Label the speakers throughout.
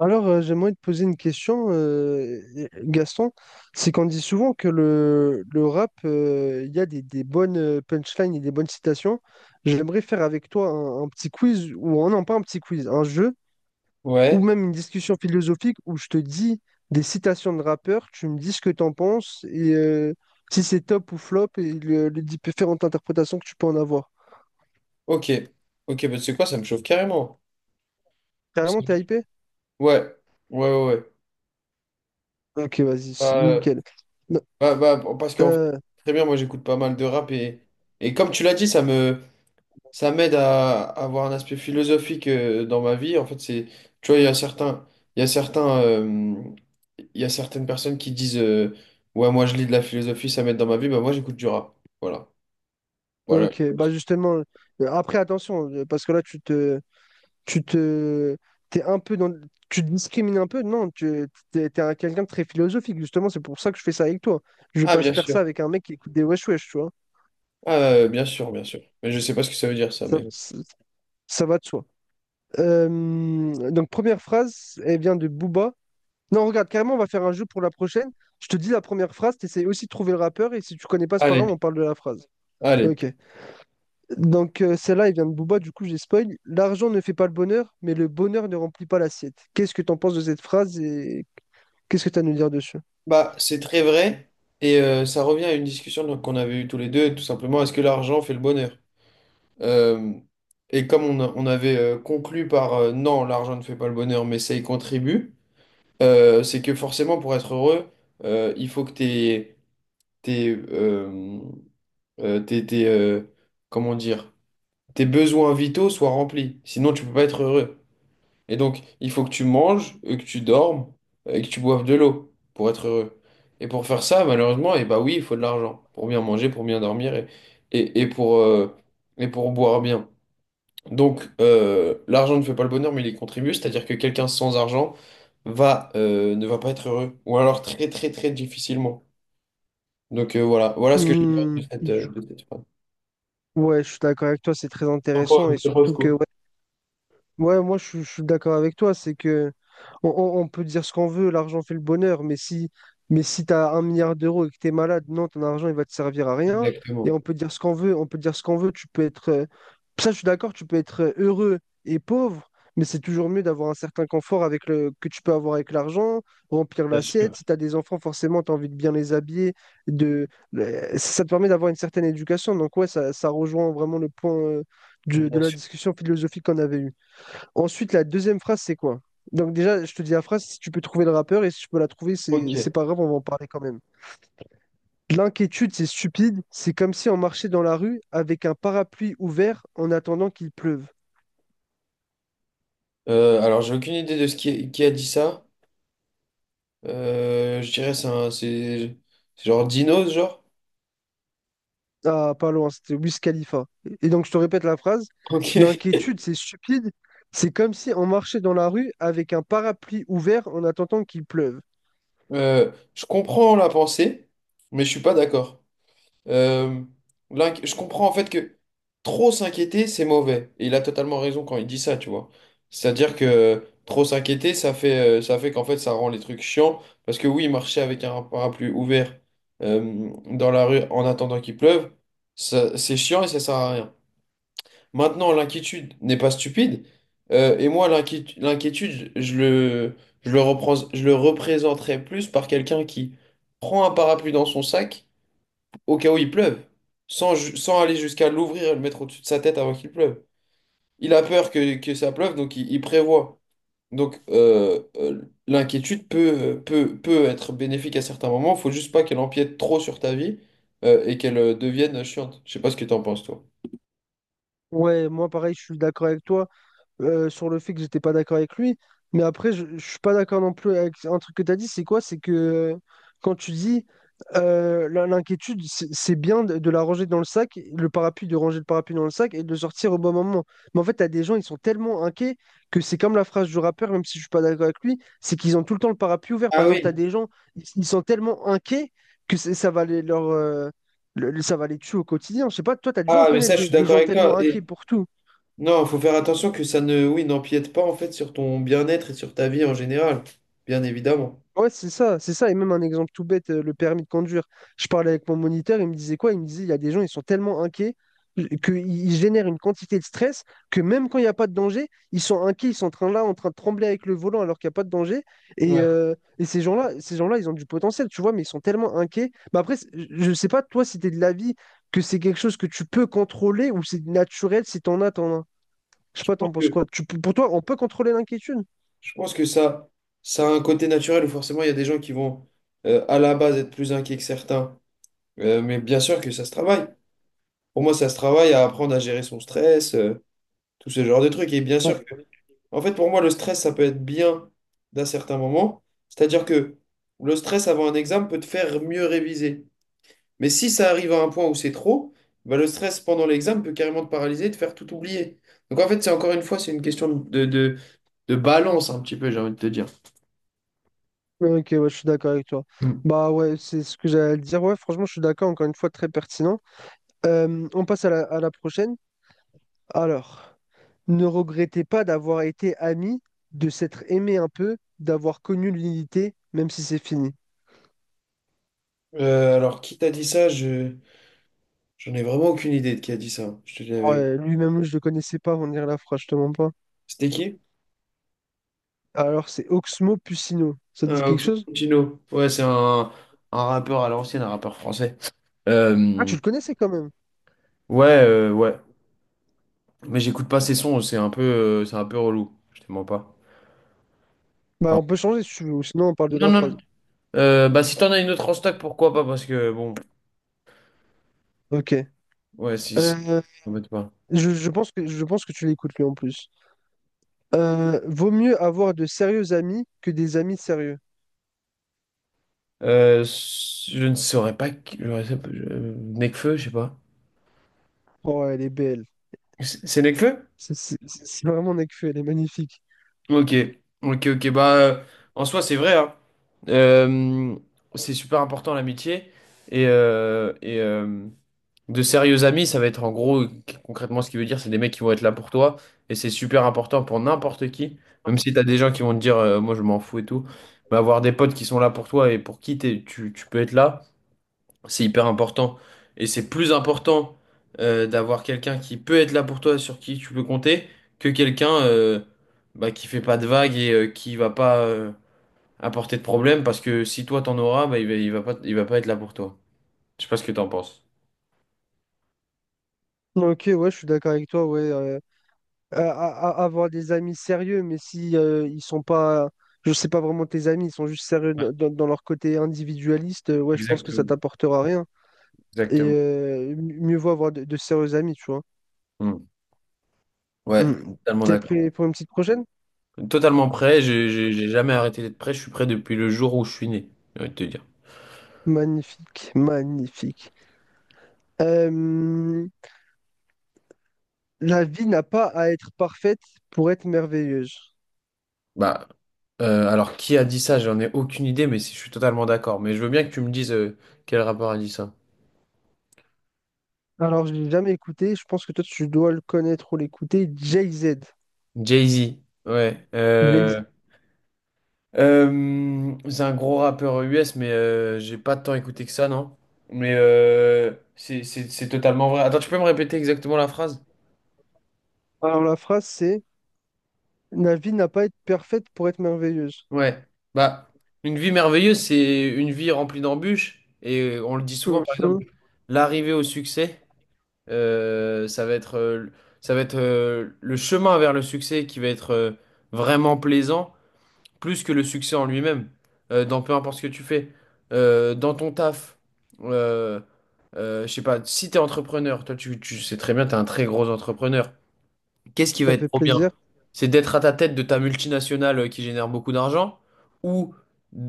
Speaker 1: J'aimerais te poser une question, Gaston. C'est qu'on dit souvent que le rap, il y a des bonnes punchlines et des bonnes citations. J'aimerais faire avec toi un petit quiz, ou pas un petit quiz, un jeu, ou
Speaker 2: Ouais,
Speaker 1: même une discussion philosophique où je te dis des citations de rappeurs, tu me dis ce que tu en penses, et si c'est top ou flop, et les différentes interprétations que tu peux en avoir.
Speaker 2: ok. Ok, bah, tu sais quoi, ça me chauffe carrément.
Speaker 1: Carrément,
Speaker 2: C'est-
Speaker 1: t'es hypé?
Speaker 2: Ouais, ouais, ouais. Ouais.
Speaker 1: Ok, vas-y, c'est
Speaker 2: Euh,
Speaker 1: nickel.
Speaker 2: bah, bon, parce qu'en fait, très bien, moi j'écoute pas mal de rap et comme tu l'as dit, ça m'aide à avoir un aspect philosophique dans ma vie. En fait, tu vois, il y a certains, il y a certains, il y a certaines personnes qui disent, ouais, moi je lis de la philosophie, ça m'aide dans ma vie. Bah, moi j'écoute du rap. Voilà, voilà.
Speaker 1: Ok, bah justement, après attention, parce que là tu te, t'es un peu dans, tu te discrimines un peu, non, t'es quelqu'un de très philosophique, justement, c'est pour ça que je fais ça avec toi. Je vais
Speaker 2: Ah,
Speaker 1: pas se
Speaker 2: bien
Speaker 1: faire
Speaker 2: sûr.
Speaker 1: ça avec un mec qui écoute des wesh wesh, tu vois.
Speaker 2: Ah, bien sûr, bien sûr. Mais je sais pas ce que ça veut dire, ça,
Speaker 1: Ça,
Speaker 2: mais bon.
Speaker 1: ça, ça va de soi. Euh, donc première phrase, elle vient de Booba. Non, regarde, carrément, on va faire un jeu pour la prochaine. Je te dis la première phrase, t'essayes aussi de trouver le rappeur, et si tu connais pas, c'est pas
Speaker 2: Allez,
Speaker 1: grave, on parle de la phrase.
Speaker 2: allez.
Speaker 1: Ok. Donc, celle-là, elle vient de Booba, du coup, j'ai spoil. L'argent ne fait pas le bonheur, mais le bonheur ne remplit pas l'assiette. Qu'est-ce que t'en penses de cette phrase et qu'est-ce que tu as à nous dire dessus?
Speaker 2: Bah, c'est très vrai, et ça revient à une discussion donc, qu'on avait eue tous les deux, tout simplement, est-ce que l'argent fait le bonheur? Euh, et comme on avait conclu par non, l'argent ne fait pas le bonheur, mais ça y contribue, c'est que forcément, pour être heureux, il faut que tes, euh, euh, tes, tes, euh, comment dire, tes besoins vitaux soient remplis, sinon tu peux pas être heureux. Et donc, il faut que tu manges, et que tu dormes, et que tu boives de l'eau pour être heureux. Et pour faire ça, malheureusement, et bah oui, il faut de l'argent pour bien manger, pour bien dormir et, et pour, euh, et pour boire bien. Donc, l'argent ne fait pas le bonheur, mais il y contribue, c'est-à-dire que quelqu'un sans argent ne va pas être heureux, ou alors très, très, très difficilement. Donc, voilà, voilà ce que je pense
Speaker 1: Hmm,
Speaker 2: de
Speaker 1: je-
Speaker 2: de cette phrase.
Speaker 1: Ouais, je suis d'accord avec toi, c'est très intéressant et
Speaker 2: T'en penses
Speaker 1: surtout que
Speaker 2: quoi?
Speaker 1: ouais, Ouais, moi je suis d'accord avec toi, c'est que on peut dire ce qu'on veut, l'argent fait le bonheur, mais si t'as un milliard d'euros et que t'es malade, non, ton argent il va te servir à rien. Et
Speaker 2: Exactement,
Speaker 1: on peut dire ce qu'on veut, on peut dire ce qu'on veut, tu peux être ça je suis d'accord, tu peux être heureux et pauvre, mais c'est toujours mieux d'avoir un certain confort avec le que tu peux avoir avec l'argent, remplir
Speaker 2: bien sûr,
Speaker 1: l'assiette. Si t'as des enfants, forcément t'as envie de bien les habiller, de ça te permet d'avoir une certaine éducation. Donc ouais, ça rejoint vraiment le point de
Speaker 2: bien
Speaker 1: la
Speaker 2: sûr.
Speaker 1: discussion philosophique qu'on avait eue. Ensuite, la deuxième phrase, c'est quoi? Donc déjà, je te dis la phrase, si tu peux trouver le rappeur, et si tu peux la trouver, c'est
Speaker 2: Ok.
Speaker 1: pas grave, on va en parler quand même. L'inquiétude, c'est stupide, c'est comme si on marchait dans la rue avec un parapluie ouvert en attendant qu'il pleuve.
Speaker 2: Alors, j'ai aucune idée de ce qui a dit ça. Je dirais c'est genre dinos, genre.
Speaker 1: Ah, pas loin, c'était Wiz Khalifa. Et donc, je te répète la phrase,
Speaker 2: Ok.
Speaker 1: l'inquiétude, c'est stupide, c'est comme si on marchait dans la rue avec un parapluie ouvert en attendant qu'il pleuve.
Speaker 2: Je comprends la pensée, mais je suis pas d'accord. Euh, je comprends en fait que trop s'inquiéter, c'est mauvais. Et il a totalement raison quand il dit ça, tu vois. C'est-à-dire que trop s'inquiéter, ça fait qu'en fait, ça rend les trucs chiants. Parce que oui, marcher avec un parapluie ouvert dans la rue en attendant qu'il pleuve, c'est chiant et ça sert à rien. Maintenant, l'inquiétude n'est pas stupide. Et moi, l'inquiétude, je le représenterais plus par quelqu'un qui prend un parapluie dans son sac au cas où il pleuve, sans aller jusqu'à l'ouvrir et le mettre au-dessus de sa tête avant qu'il pleuve. Il a peur que ça pleuve, donc il prévoit. Donc, l'inquiétude peut être bénéfique à certains moments. Faut juste pas qu'elle empiète trop sur ta vie, et qu'elle devienne chiante. Je sais pas ce que t'en penses, toi.
Speaker 1: Ouais, moi pareil, je suis d'accord avec toi. Sur le fait que j'étais pas d'accord avec lui. Mais après, je suis pas d'accord non plus avec un truc que tu as dit, c'est quoi? C'est que quand tu dis l'inquiétude, c'est bien de la ranger dans le sac, le parapluie, de ranger le parapluie dans le sac et de le sortir au bon moment. Mais en fait, tu as des gens, ils sont tellement inquiets que c'est comme la phrase du rappeur, même si je suis pas d'accord avec lui, c'est qu'ils ont tout le temps le parapluie ouvert. Par
Speaker 2: Ah
Speaker 1: exemple, tu as
Speaker 2: oui,
Speaker 1: des gens, ils sont tellement inquiets que ça va les, leur, le- ça va les tuer au quotidien. Je sais pas, toi, tu as dû en
Speaker 2: ah mais
Speaker 1: connaître
Speaker 2: ça je suis
Speaker 1: des
Speaker 2: d'accord
Speaker 1: gens
Speaker 2: avec toi.
Speaker 1: tellement
Speaker 2: Et
Speaker 1: inquiets pour tout.
Speaker 2: non, il faut faire attention que ça ne, oui, n'empiète pas en fait sur ton bien-être et sur ta vie en général, bien évidemment.
Speaker 1: Ouais, c'est ça. Et même un exemple tout bête, le permis de conduire. Je parlais avec mon moniteur, il me disait quoi? Il me disait, il y a des gens, ils sont tellement inquiets qu'ils génèrent une quantité de stress que même quand il n'y a pas de danger, ils sont inquiets, ils sont en train là, en train de trembler avec le volant alors qu'il n'y a pas de danger.
Speaker 2: Ouais.
Speaker 1: Et ces gens-là, ils ont du potentiel, tu vois, mais ils sont tellement inquiets. Bah après, je ne sais pas, toi, si tu es de l'avis que c'est quelque chose que tu peux contrôler ou c'est naturel, si t'en as. Je sais
Speaker 2: Je
Speaker 1: pas,
Speaker 2: pense
Speaker 1: t'en penses
Speaker 2: que,
Speaker 1: quoi? Pour toi, on peut contrôler l'inquiétude?
Speaker 2: je pense que ça a un côté naturel où forcément il y a des gens qui vont à la base être plus inquiets que certains. Mais bien sûr que ça se travaille. Pour moi, ça se travaille à apprendre à gérer son stress, tout ce genre de trucs. Et bien sûr que, en fait, pour moi, le stress, ça peut être bien d'un certain moment. C'est-à-dire que le stress avant un examen peut te faire mieux réviser. Mais si ça arrive à un point où c'est trop, bah, le stress pendant l'examen peut carrément te paralyser, te faire tout oublier. Donc en fait, c'est encore une fois, c'est une question de balance un petit peu, j'ai envie de te dire.
Speaker 1: Ok, ouais, je suis d'accord avec toi.
Speaker 2: Mm.
Speaker 1: Bah ouais, c'est ce que j'allais dire. Ouais, franchement, je suis d'accord, encore une fois, très pertinent. On passe à à la prochaine. Alors, ne regrettez pas d'avoir été ami, de s'être aimé un peu, d'avoir connu l'unité, même si c'est fini.
Speaker 2: Alors, qui t'a dit ça? J'en ai vraiment aucune idée de qui a dit ça. Je te dis avec.
Speaker 1: Ouais, lui-même, je le connaissais pas, on dirait la phrase, je te mens pas.
Speaker 2: C'était qui?
Speaker 1: Alors, c'est Oxmo Puccino. Ça te dit quelque
Speaker 2: Oxmo
Speaker 1: chose?
Speaker 2: Puccino. Ouais, c'est un rappeur à l'ancienne, un rappeur français.
Speaker 1: Ah, tu
Speaker 2: Euh,
Speaker 1: le connaissais quand même.
Speaker 2: ouais, ouais. Mais j'écoute pas ses sons, c'est un peu relou. Je te mens pas.
Speaker 1: Bah,
Speaker 2: Enfin,
Speaker 1: on peut changer si tu veux, ou sinon on parle de
Speaker 2: non,
Speaker 1: la
Speaker 2: non. Non.
Speaker 1: phrase.
Speaker 2: Bah si t'en as une autre en stock, pourquoi pas? Parce que bon.
Speaker 1: Ok.
Speaker 2: Ouais, si, si,
Speaker 1: Euh,
Speaker 2: t'embête pas.
Speaker 1: je pense que tu l'écoutes lui en plus. Vaut mieux avoir de sérieux amis que des amis sérieux.
Speaker 2: Euh, je ne saurais pas. Qui- je sais pas, je- Nekfeu, je sais pas.
Speaker 1: Oh, elle est belle.
Speaker 2: C'est Nekfeu?
Speaker 1: C'est vraiment Nekfeu, elle est magnifique.
Speaker 2: Ok, ok, ok. Bah, en soi, c'est vrai, hein. Euh, c'est super important l'amitié. Et, euh, et euh, de sérieux amis, ça va être en gros, concrètement, ce qui veut dire, c'est des mecs qui vont être là pour toi. Et c'est super important pour n'importe qui. Même si t'as des gens qui vont te dire, moi, je m'en fous et tout. Mais avoir des potes qui sont là pour toi et pour qui tu peux être là. C'est hyper important. Et c'est plus important d'avoir quelqu'un qui peut être là pour toi, sur qui tu peux compter, que quelqu'un bah, qui fait pas de vagues et qui va pas apporter de problème, parce que si toi t'en auras, bah, il va pas être là pour toi. Je sais pas ce que t'en penses.
Speaker 1: Ok, ouais, je suis d'accord avec toi. Ouais, avoir des amis sérieux, mais si ils sont pas, je sais pas vraiment tes amis, ils sont juste sérieux dans, dans leur côté individualiste, ouais, je pense que ça
Speaker 2: Exactement,
Speaker 1: t'apportera rien. Et
Speaker 2: exactement.
Speaker 1: mieux vaut avoir de sérieux amis, tu vois.
Speaker 2: Hmm. Ouais,
Speaker 1: Hmm.
Speaker 2: totalement
Speaker 1: T'es
Speaker 2: d'accord.
Speaker 1: prêt pour une petite prochaine?
Speaker 2: Totalement prêt, j'ai jamais arrêté d'être prêt, je suis prêt depuis le jour où je suis né, j'ai envie de te dire.
Speaker 1: Magnifique, magnifique. Euh, la vie n'a pas à être parfaite pour être merveilleuse.
Speaker 2: Bah, alors qui a dit ça? J'en ai aucune idée, je suis totalement d'accord. Mais je veux bien que tu me dises quel rappeur a dit ça.
Speaker 1: Alors, je l'ai jamais écouté, je pense que toi, tu dois le connaître ou l'écouter, Jay-Z.
Speaker 2: Jay-Z, ouais.
Speaker 1: Jay-Z.
Speaker 2: C'est un gros rappeur US, mais j'ai pas tant écouté que ça, non? Mais c'est totalement vrai. Attends, tu peux me répéter exactement la phrase?
Speaker 1: Alors, la phrase, c'est la vie n'a pas à être parfaite pour être merveilleuse.
Speaker 2: Ouais. Bah, une vie merveilleuse, c'est une vie remplie d'embûches. Et on le dit souvent, par
Speaker 1: Mhm.
Speaker 2: exemple, l'arrivée au succès. Euh, ça va être, euh, Ça va être le chemin vers le succès qui va être vraiment plaisant, plus que le succès en lui-même. Dans peu importe ce que tu fais. Dans ton taf, euh, je sais pas, si t'es entrepreneur, toi tu sais très bien, t'es un très gros entrepreneur. Qu'est-ce qui va
Speaker 1: Ça
Speaker 2: être
Speaker 1: fait
Speaker 2: trop bien?
Speaker 1: plaisir.
Speaker 2: C'est d'être à ta tête de ta multinationale qui génère beaucoup d'argent ou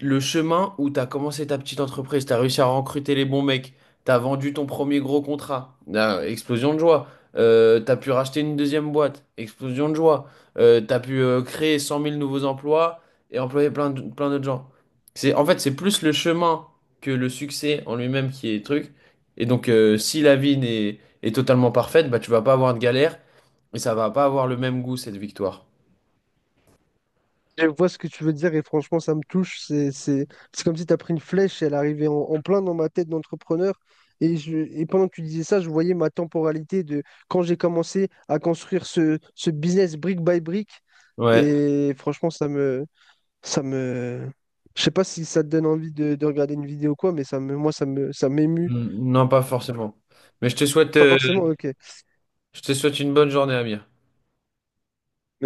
Speaker 2: le chemin où tu as commencé ta petite entreprise, tu as réussi à recruter les bons mecs, tu as vendu ton premier gros contrat. Ah, explosion de joie. Tu as pu racheter une deuxième boîte, explosion de joie. Tu as pu créer 100 000 nouveaux emplois et employer plein d'autres gens. C'est plus le chemin que le succès en lui-même qui est truc. Et donc, si la vie n'est, est totalement parfaite, bah, tu vas pas avoir de galère. Mais ça va pas avoir le même goût, cette victoire.
Speaker 1: Je vois ce que tu veux dire et franchement, ça me touche. C'est comme si tu as pris une flèche et elle arrivait en plein dans ma tête d'entrepreneur. Et, et pendant que tu disais ça, je voyais ma temporalité de quand j'ai commencé à construire ce business brique by brique.
Speaker 2: Ouais,
Speaker 1: Et franchement, ça me, je sais pas si ça te donne envie de regarder une vidéo ou quoi, mais moi, ça m'émue.
Speaker 2: mm, non, pas forcément. Mais
Speaker 1: Pas forcément, ok.
Speaker 2: je te souhaite une bonne journée, Amir.